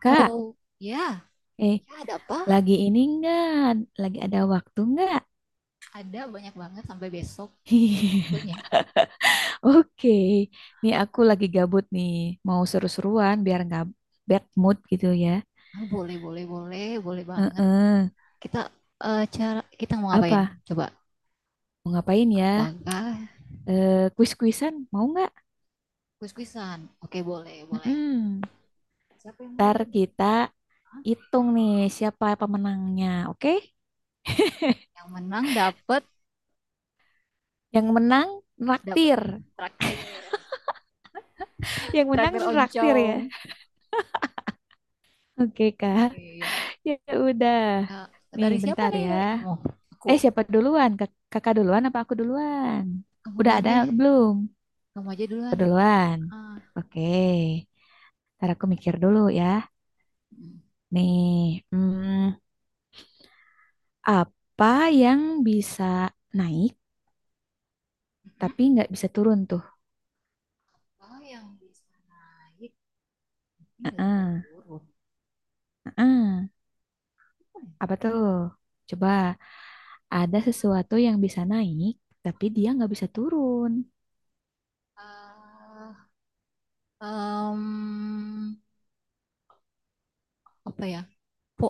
Kak, Halo, ya, eh, ya ada apa? lagi ini enggak? Lagi ada waktu enggak? Ada banyak banget sampai besok waktunya. Oke, nih aku lagi gabut nih, mau seru-seruan biar nggak bad mood gitu ya. Ah, boleh, boleh, boleh, boleh banget. Heeh. Kita cara kita mau ngapain? Apa? Coba. Mau ngapain ya? Apakah Kuis-kuisan mau nggak? kuis-kuisan? Oke, boleh, boleh. Mm-mm. Siapa yang mulai Ntar dulu nih? kita Hah? hitung nih siapa pemenangnya, oke? Yang menang dapat Yang menang dapat traktir, traktir. yang menang Traktir traktir ya. oncom. Oke Kak, Oke, ya. ya udah. Eh, Nih dari siapa bentar nih? ya. Dari kamu. Aku. Siapa duluan? Kakak duluan apa aku duluan? Kamu Udah duluan ada deh. belum? Kamu aja Aku duluan. duluan. Ah. Oke. Ntar aku mikir dulu ya. Mm. Nih, apa yang bisa naik tapi nggak bisa turun tuh? Oh, yang di sana. Ya, ini nggak bisa Heeh, turun. heeh. Apa tuh? Coba, ada sesuatu yang bisa naik tapi dia nggak bisa turun. Eh, em, apa ya? Po,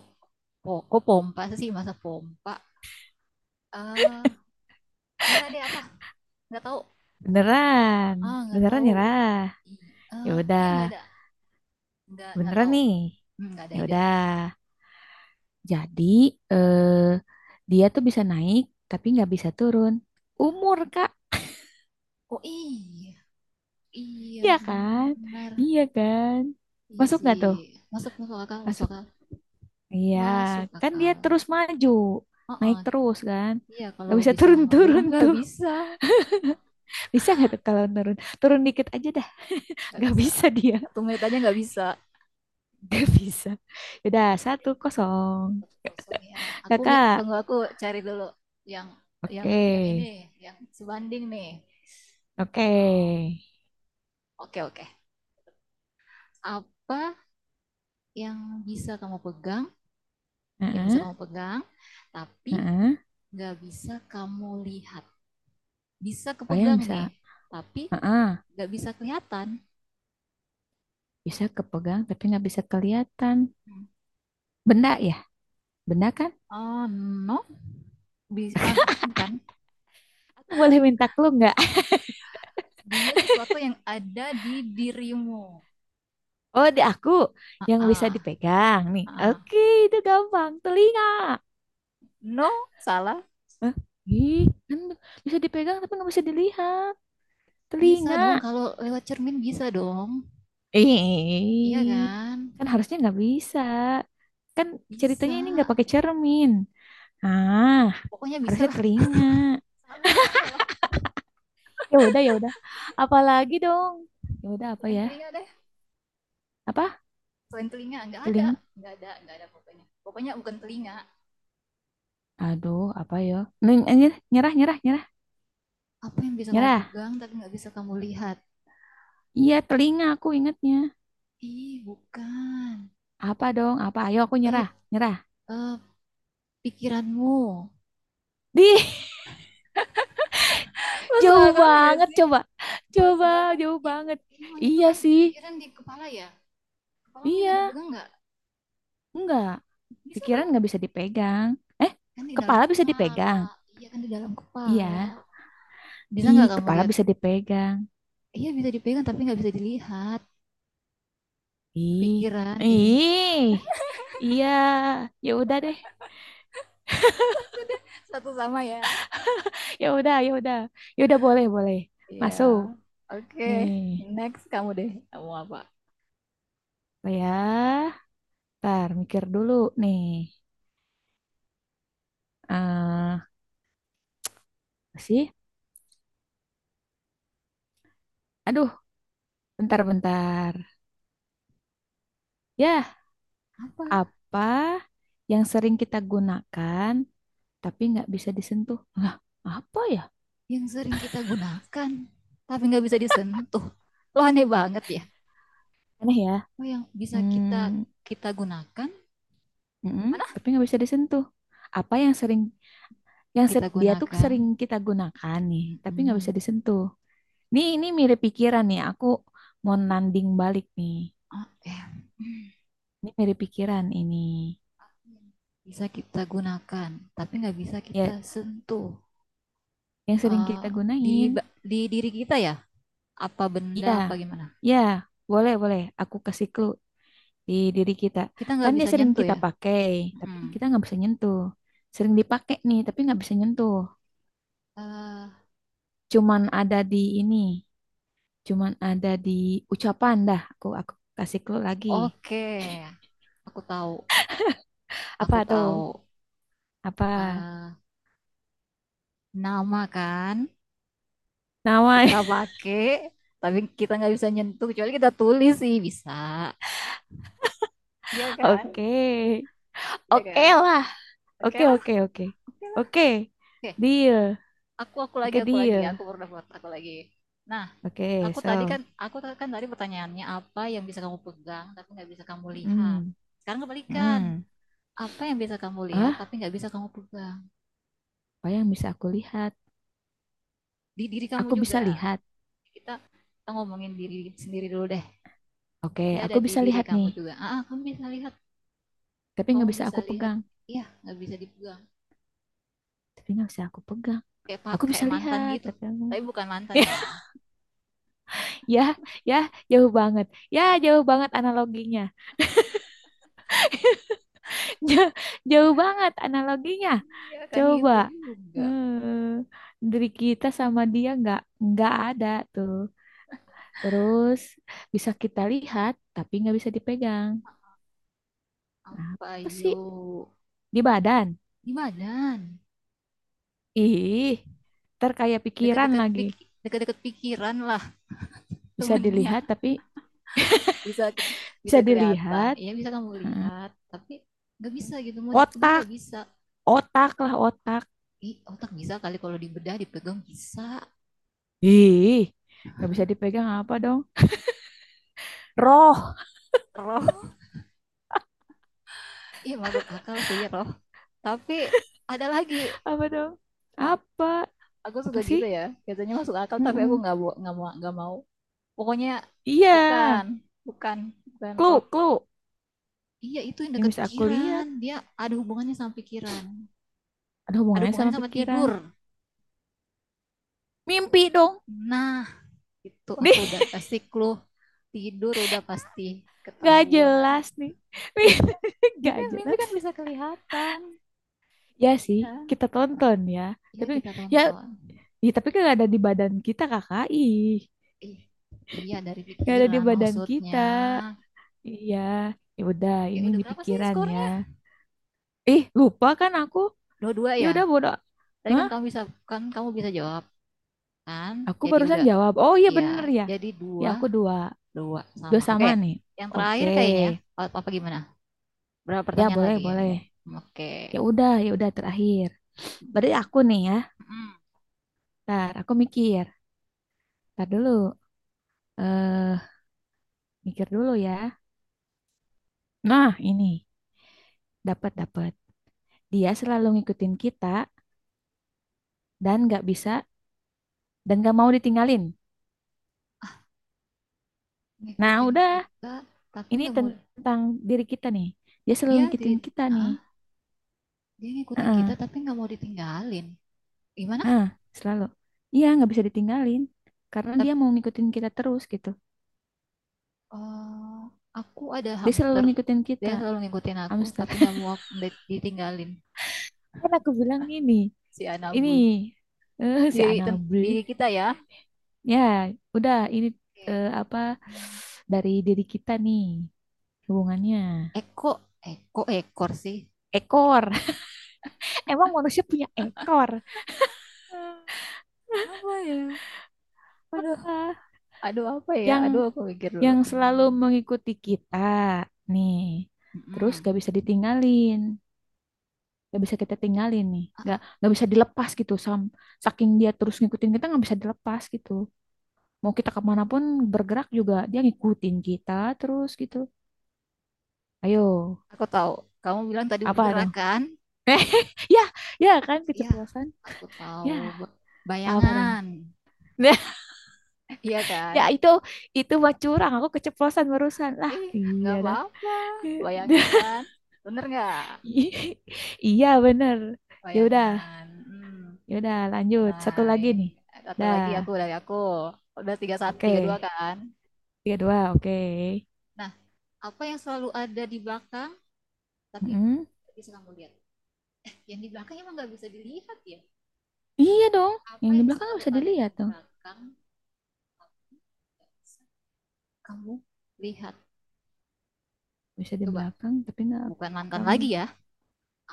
po, kok pompa sih masa pompa? Eh, nyerah deh apa? Nggak tahu. Ah, Beneran, nggak beneran tahu. nyerah. I- Ya eh, udah, iya nggak ada. Nggak beneran tahu. nih. Nggak ada Ya ide. udah. Jadi eh, dia tuh bisa naik tapi nggak bisa turun. Umur Kak, Oh iya, iya iya kan? benar. Iya kan? Iya Masuk sih. nggak tuh? Masuk masuk akal, masuk Masuk. akal, Iya, masuk kan dia akal. terus maju, Oh, naik oh. terus kan? Iya kalau Gak bisa bisa mundur turun-turun nggak tuh. bisa, Bisa nggak tuh kalau turun? Turun dikit aja dah. nggak Gak bisa. bisa dia, 1 menit aja nggak bisa. gak bisa. Ya udah satu kosong, Kosong ya, aku kakak. tunggu, aku cari dulu yang yang Oke, yang ini yang sebanding nih. oke. Oh, oke oke, apa yang bisa kamu pegang yang bisa Heeh, kamu pegang tapi heeh. nggak bisa kamu lihat? Bisa Apa yang kepegang bisa. nih tapi Heeh. nggak bisa kelihatan. Bisa kepegang tapi nggak bisa kelihatan. Benda ya, benda kan? Oh no, bisa, nggak bukan, Aku boleh minta clue nggak? dia sesuatu yang ada di dirimu. Oh, di aku ah yang bisa ah, dipegang nih. ah. Oke, itu gampang. Telinga. No, salah. Hah? Ih, kan bisa dipegang tapi nggak bisa dilihat. Bisa Telinga. dong kalau lewat cermin, bisa dong. Iya Ih, kan? kan harusnya nggak bisa. Kan ceritanya Bisa. ini nggak pakai cermin. Ah, Pokoknya bisa harusnya lah. telinga. Salah, salah, salah. Ya udah, ya udah. Apalagi dong. Ya udah apa Selain ya? telinga deh. Apa? Selain telinga. Nggak ada. Teling Nggak ada, nggak ada pokoknya. Pokoknya bukan telinga. Aduh, apa yo? Neng, nyerah, nyerah, nyerah, nyerah. Apa yang bisa kamu Nyerah. pegang tapi nggak bisa kamu lihat? Iya, telinga aku ingetnya. Ih, bukan. Apa dong? Apa? Ayo aku Eh, nyerah, nyerah. eh, pikiranmu. Di, Masuk jauh akal nggak banget sih? coba. Coba, Masuk akal. jauh Ih, banget. emang itu Iya kan sih. pikiran di kepala ya? Kepala bisa Iya, dipegang nggak? enggak. Bisa Pikiran dong. nggak bisa dipegang. Eh, Kan di dalam kepala bisa kepala. dipegang. Iya kan di dalam kepala. Iya. Bisa Ih, nggak kamu kepala lihat? bisa dipegang. Iya bisa dipegang tapi nggak bisa dilihat. Ih. Pikiran isinya. Ih. Iya, ya udah deh. Sudah, 1-1 ya. Ya udah, ya udah. Ya udah boleh, boleh. Iya. Masuk. Oke. Nih. Next kamu deh. Kamu apa? Apa ya? Bentar mikir dulu nih. Eh, sih? Aduh, bentar-bentar. Ya, Apa apa yang sering kita gunakan tapi nggak bisa disentuh? Lah, apa ya? yang sering kita gunakan tapi nggak bisa disentuh? Lo aneh banget ya. Aneh ya. Oh, yang bisa kita Hmm, kita gunakan. mm-mm, Mana? tapi nggak bisa disentuh. Apa yang sering, Kita dia tuh gunakan. sering kita gunakan nih, tapi nggak bisa Mm-mm. disentuh. Nih, ini mirip pikiran nih. Aku mau nanding balik nih. Eh, Ini mirip pikiran ini. mm. Bisa kita gunakan tapi nggak bisa kita Ya, sentuh. yang sering Eh, kita di, gunain. di diri kita ya? Apa benda Iya, apa gimana? ya, boleh, boleh. Aku kasih clue di diri kita. Kita Kan nggak dia bisa sering nyentuh kita ya? pakai, tapi Mm-mm. kita nggak bisa nyentuh. Sering dipakai nih, tapi nggak bisa nyentuh. Eh, Cuman ada di ini, cuman ada di ucapan dah. Aku kasih clue lagi. Oke, aku tahu, aku Apa tahu tuh? Apa? eh nama kan Nama. kita pakai, tapi kita nggak bisa nyentuh kecuali kita tulis sih bisa. Iya kan? Oke. Iya Oke kan? lah. Oke Oke, lah, oke, oke. oke lah. Oke. Oke, Deal. aku lagi, Oke, aku lagi, deal. aku pernah buat aku lagi. Nah, Oke, aku tadi kan, so. Kan tadi pertanyaannya apa yang bisa kamu pegang tapi nggak bisa kamu lihat. Hmm. Sekarang kebalikan, Hmm. apa yang bisa kamu lihat Ah, tapi nggak bisa kamu pegang apa yang bisa aku lihat? di diri kamu Aku bisa juga. lihat. Kita kita ngomongin diri sendiri dulu deh. Oke, Dia ada aku di bisa diri lihat kamu nih. juga kamu bisa lihat, Tapi kamu nggak bisa bisa aku lihat, pegang. iya nggak bisa dipegang Tapi nggak bisa aku pegang. Aku bisa kayak mantan lihat. gitu, Tapi aku. tapi bukan mantan Ya, ya. ya, ya, jauh banget. Ya, jauh banget analoginya. Jauh, jauh banget analoginya. Iya kan Coba. gitu juga. Hmm, dari kita sama dia nggak ada tuh. Terus bisa kita lihat, tapi nggak bisa dipegang. Apa Apa sih? yuk? Di badan. Di badan Ih, ntar kayak pikiran lagi. Dekat-dekat pikiran lah, Bisa temennya. dilihat, tapi bisa bisa bisa kelihatan, dilihat. iya bisa kamu lihat tapi nggak bisa gitu mau dipegang Otak, nggak bisa. otak lah, otak. Ih, otak bisa kali kalau dibedah dipegang bisa Ih, nggak bisa dipegang. Apa dong? Roh. roh. Iya masuk akal sih roh, tapi ada lagi. Apa dong? Apa? Aku suka Apa sih? gitu ya, biasanya masuk akal tapi aku Mm-mm. Nggak mau pokoknya Iya, bukan bukan bukan clue roh. clue Iya itu yang yang dekat bisa aku pikiran lihat, dia. Ada hubungannya sama pikiran. ada Ada hubungannya sama hubungannya sama pikiran. tidur. Mimpi dong. Nah, itu Nih, aku udah kasih clue. Tidur udah pasti nggak ketahuan. jelas nih. Mimpi Mimpi. kan. Mimpi Nggak kan, mimpi jelas. kan bisa kelihatan Ya sih, kan. kita tonton ya, Ya tapi kita ya, tonton. ya tapi kan nggak ada di badan kita kakak. Ih, Ih, iya dari nggak ada di pikiran badan maksudnya. kita. Iya, ya udah Oke, ini udah di berapa sih pikiran ya. skornya? Ih, lupa kan aku? 2-2 Ya ya. udah bodoh. Tadi kan Hah? kamu bisa, kan kamu bisa jawab kan. Aku Jadi barusan udah jawab. Oh iya ya, bener ya. jadi Ya dua aku dua. dua Dua sama. Oke. sama nih. Yang Oke. terakhir kayaknya apa, apa gimana, berapa Ya pertanyaan boleh, lagi ya boleh. kamu? Oke. Ya udah terakhir. Berarti Mm. aku nih ya. Ntar aku mikir. Ntar dulu. Eh, mikir dulu ya. Nah, ini. Dapat, dapat. Dia selalu ngikutin kita dan nggak bisa dan nggak mau ditinggalin. Nah, Ngikutin udah. kita tapi Ini nggak mau. tentang diri kita nih. Dia selalu dia di ngikutin kita nih. ah, Dia ngikutin kita Heeh, tapi nggak mau ditinggalin gimana. heeh, selalu. Iya, nggak bisa ditinggalin. Karena dia Tapi mau ngikutin kita terus gitu. eh, aku ada Dia selalu hamster, ngikutin dia kita, selalu ngikutin aku hamster. tapi nggak mau ditinggalin Kan aku bilang ini, si ini Anabul. Si Anabel. Diri kita ya. Ya, udah ini Oke. apa dari diri kita nih hubungannya. Eko Eko ekor sih. Ekor. Emang manusia punya ekor? Hmm. Apa ya? Aduh, Ah, aduh apa ya? yang Aduh, aku pikir dulu. yang selalu Hmm, mengikuti kita nih, terus mm-mm. gak bisa ditinggalin, gak bisa kita tinggalin nih, A- gak bisa dilepas gitu, saking dia terus ngikutin kita nggak bisa dilepas gitu, mau kita kemanapun bergerak juga dia ngikutin kita terus gitu. Ayo, Aku tahu. Kamu bilang tadi apa bergerak dong? kan? Eh, ya, ya kan Ya, keceplosan. aku Ya, tahu. Ba- apa dong. Bayangan. Nah, Iya kan? ya itu mah curang, aku keceplosan barusan lah, Ih, iya nggak dah. apa-apa. Bayangan kan? Bener nggak? Iya bener. Ya udah. Bayangan. Hmm. Yaudah, lanjut. Nah, Satu lagi ini nih. satu Dah, lagi aku dari aku. Udah 3-1, 3-2 oke. kan? Tiga, dua, oke. Nah, apa yang selalu ada di belakang tapi Mm-mm. nggak bisa kamu lihat? Yang di belakang emang nggak bisa dilihat ya? Iya dong. Apa Yang di yang belakang nggak selalu bisa ada di dilihat tuh. belakang kamu lihat, Bisa di coba, belakang, tapi nggak bukan mantan kamu. lagi ya.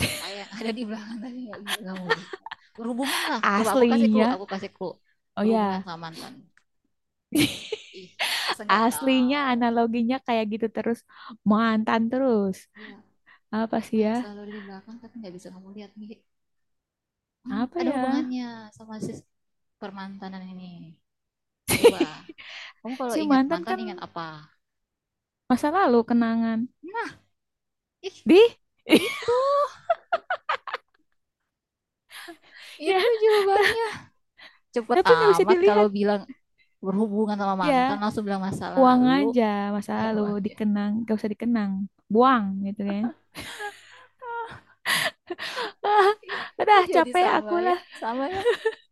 Apa yang ada di belakang tadi nggak bisa kamu lihat, berhubungan lah, coba aku kasih clue, Aslinya. aku kasih clue. Oh Berhubungan ya. sama mantan, ih masa nggak Aslinya tahu analoginya kayak gitu terus. Mantan terus. ya. Apa Apa sih ya? yang selalu ada di belakang tapi nggak bisa kamu lihat nih. Hmm, Apa ada ya? hubungannya sama permantanan ini. Coba, kamu kalau Si ingat mantan mantan kan ingat apa? masa lalu kenangan. Nah, ih, Di? itu Ya, itu ta- jawabannya. Cepet tapi nggak bisa amat kalau dilihat. bilang berhubungan sama Ya, mantan langsung bilang masa buang lalu. aja masa Ya lalu uangnya. dikenang, gak usah dikenang. Buang gitu kan. Ah, udah Kok jadi capek sama aku ya, lah. sama ya,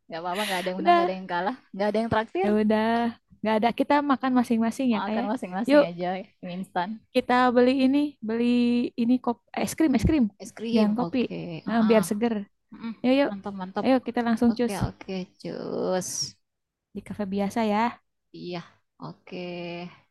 nggak apa-apa, nggak ada yang menang, nggak Udah. ada yang kalah, nggak ada yang traktir. Ya udah. Nggak ada, kita makan masing-masing ya Makan kayak. masing-masing Yuk aja, mie instan, kita beli ini es krim, es krim. es krim, Jangan kopi. oke. Ah, Ah, ah. biar seger. Mm-mm. Yuk yuk. Mantap mantap. Ayo kita langsung Oke cus okay, oke okay. Cus. di kafe biasa ya. Iya. Oke. Okay.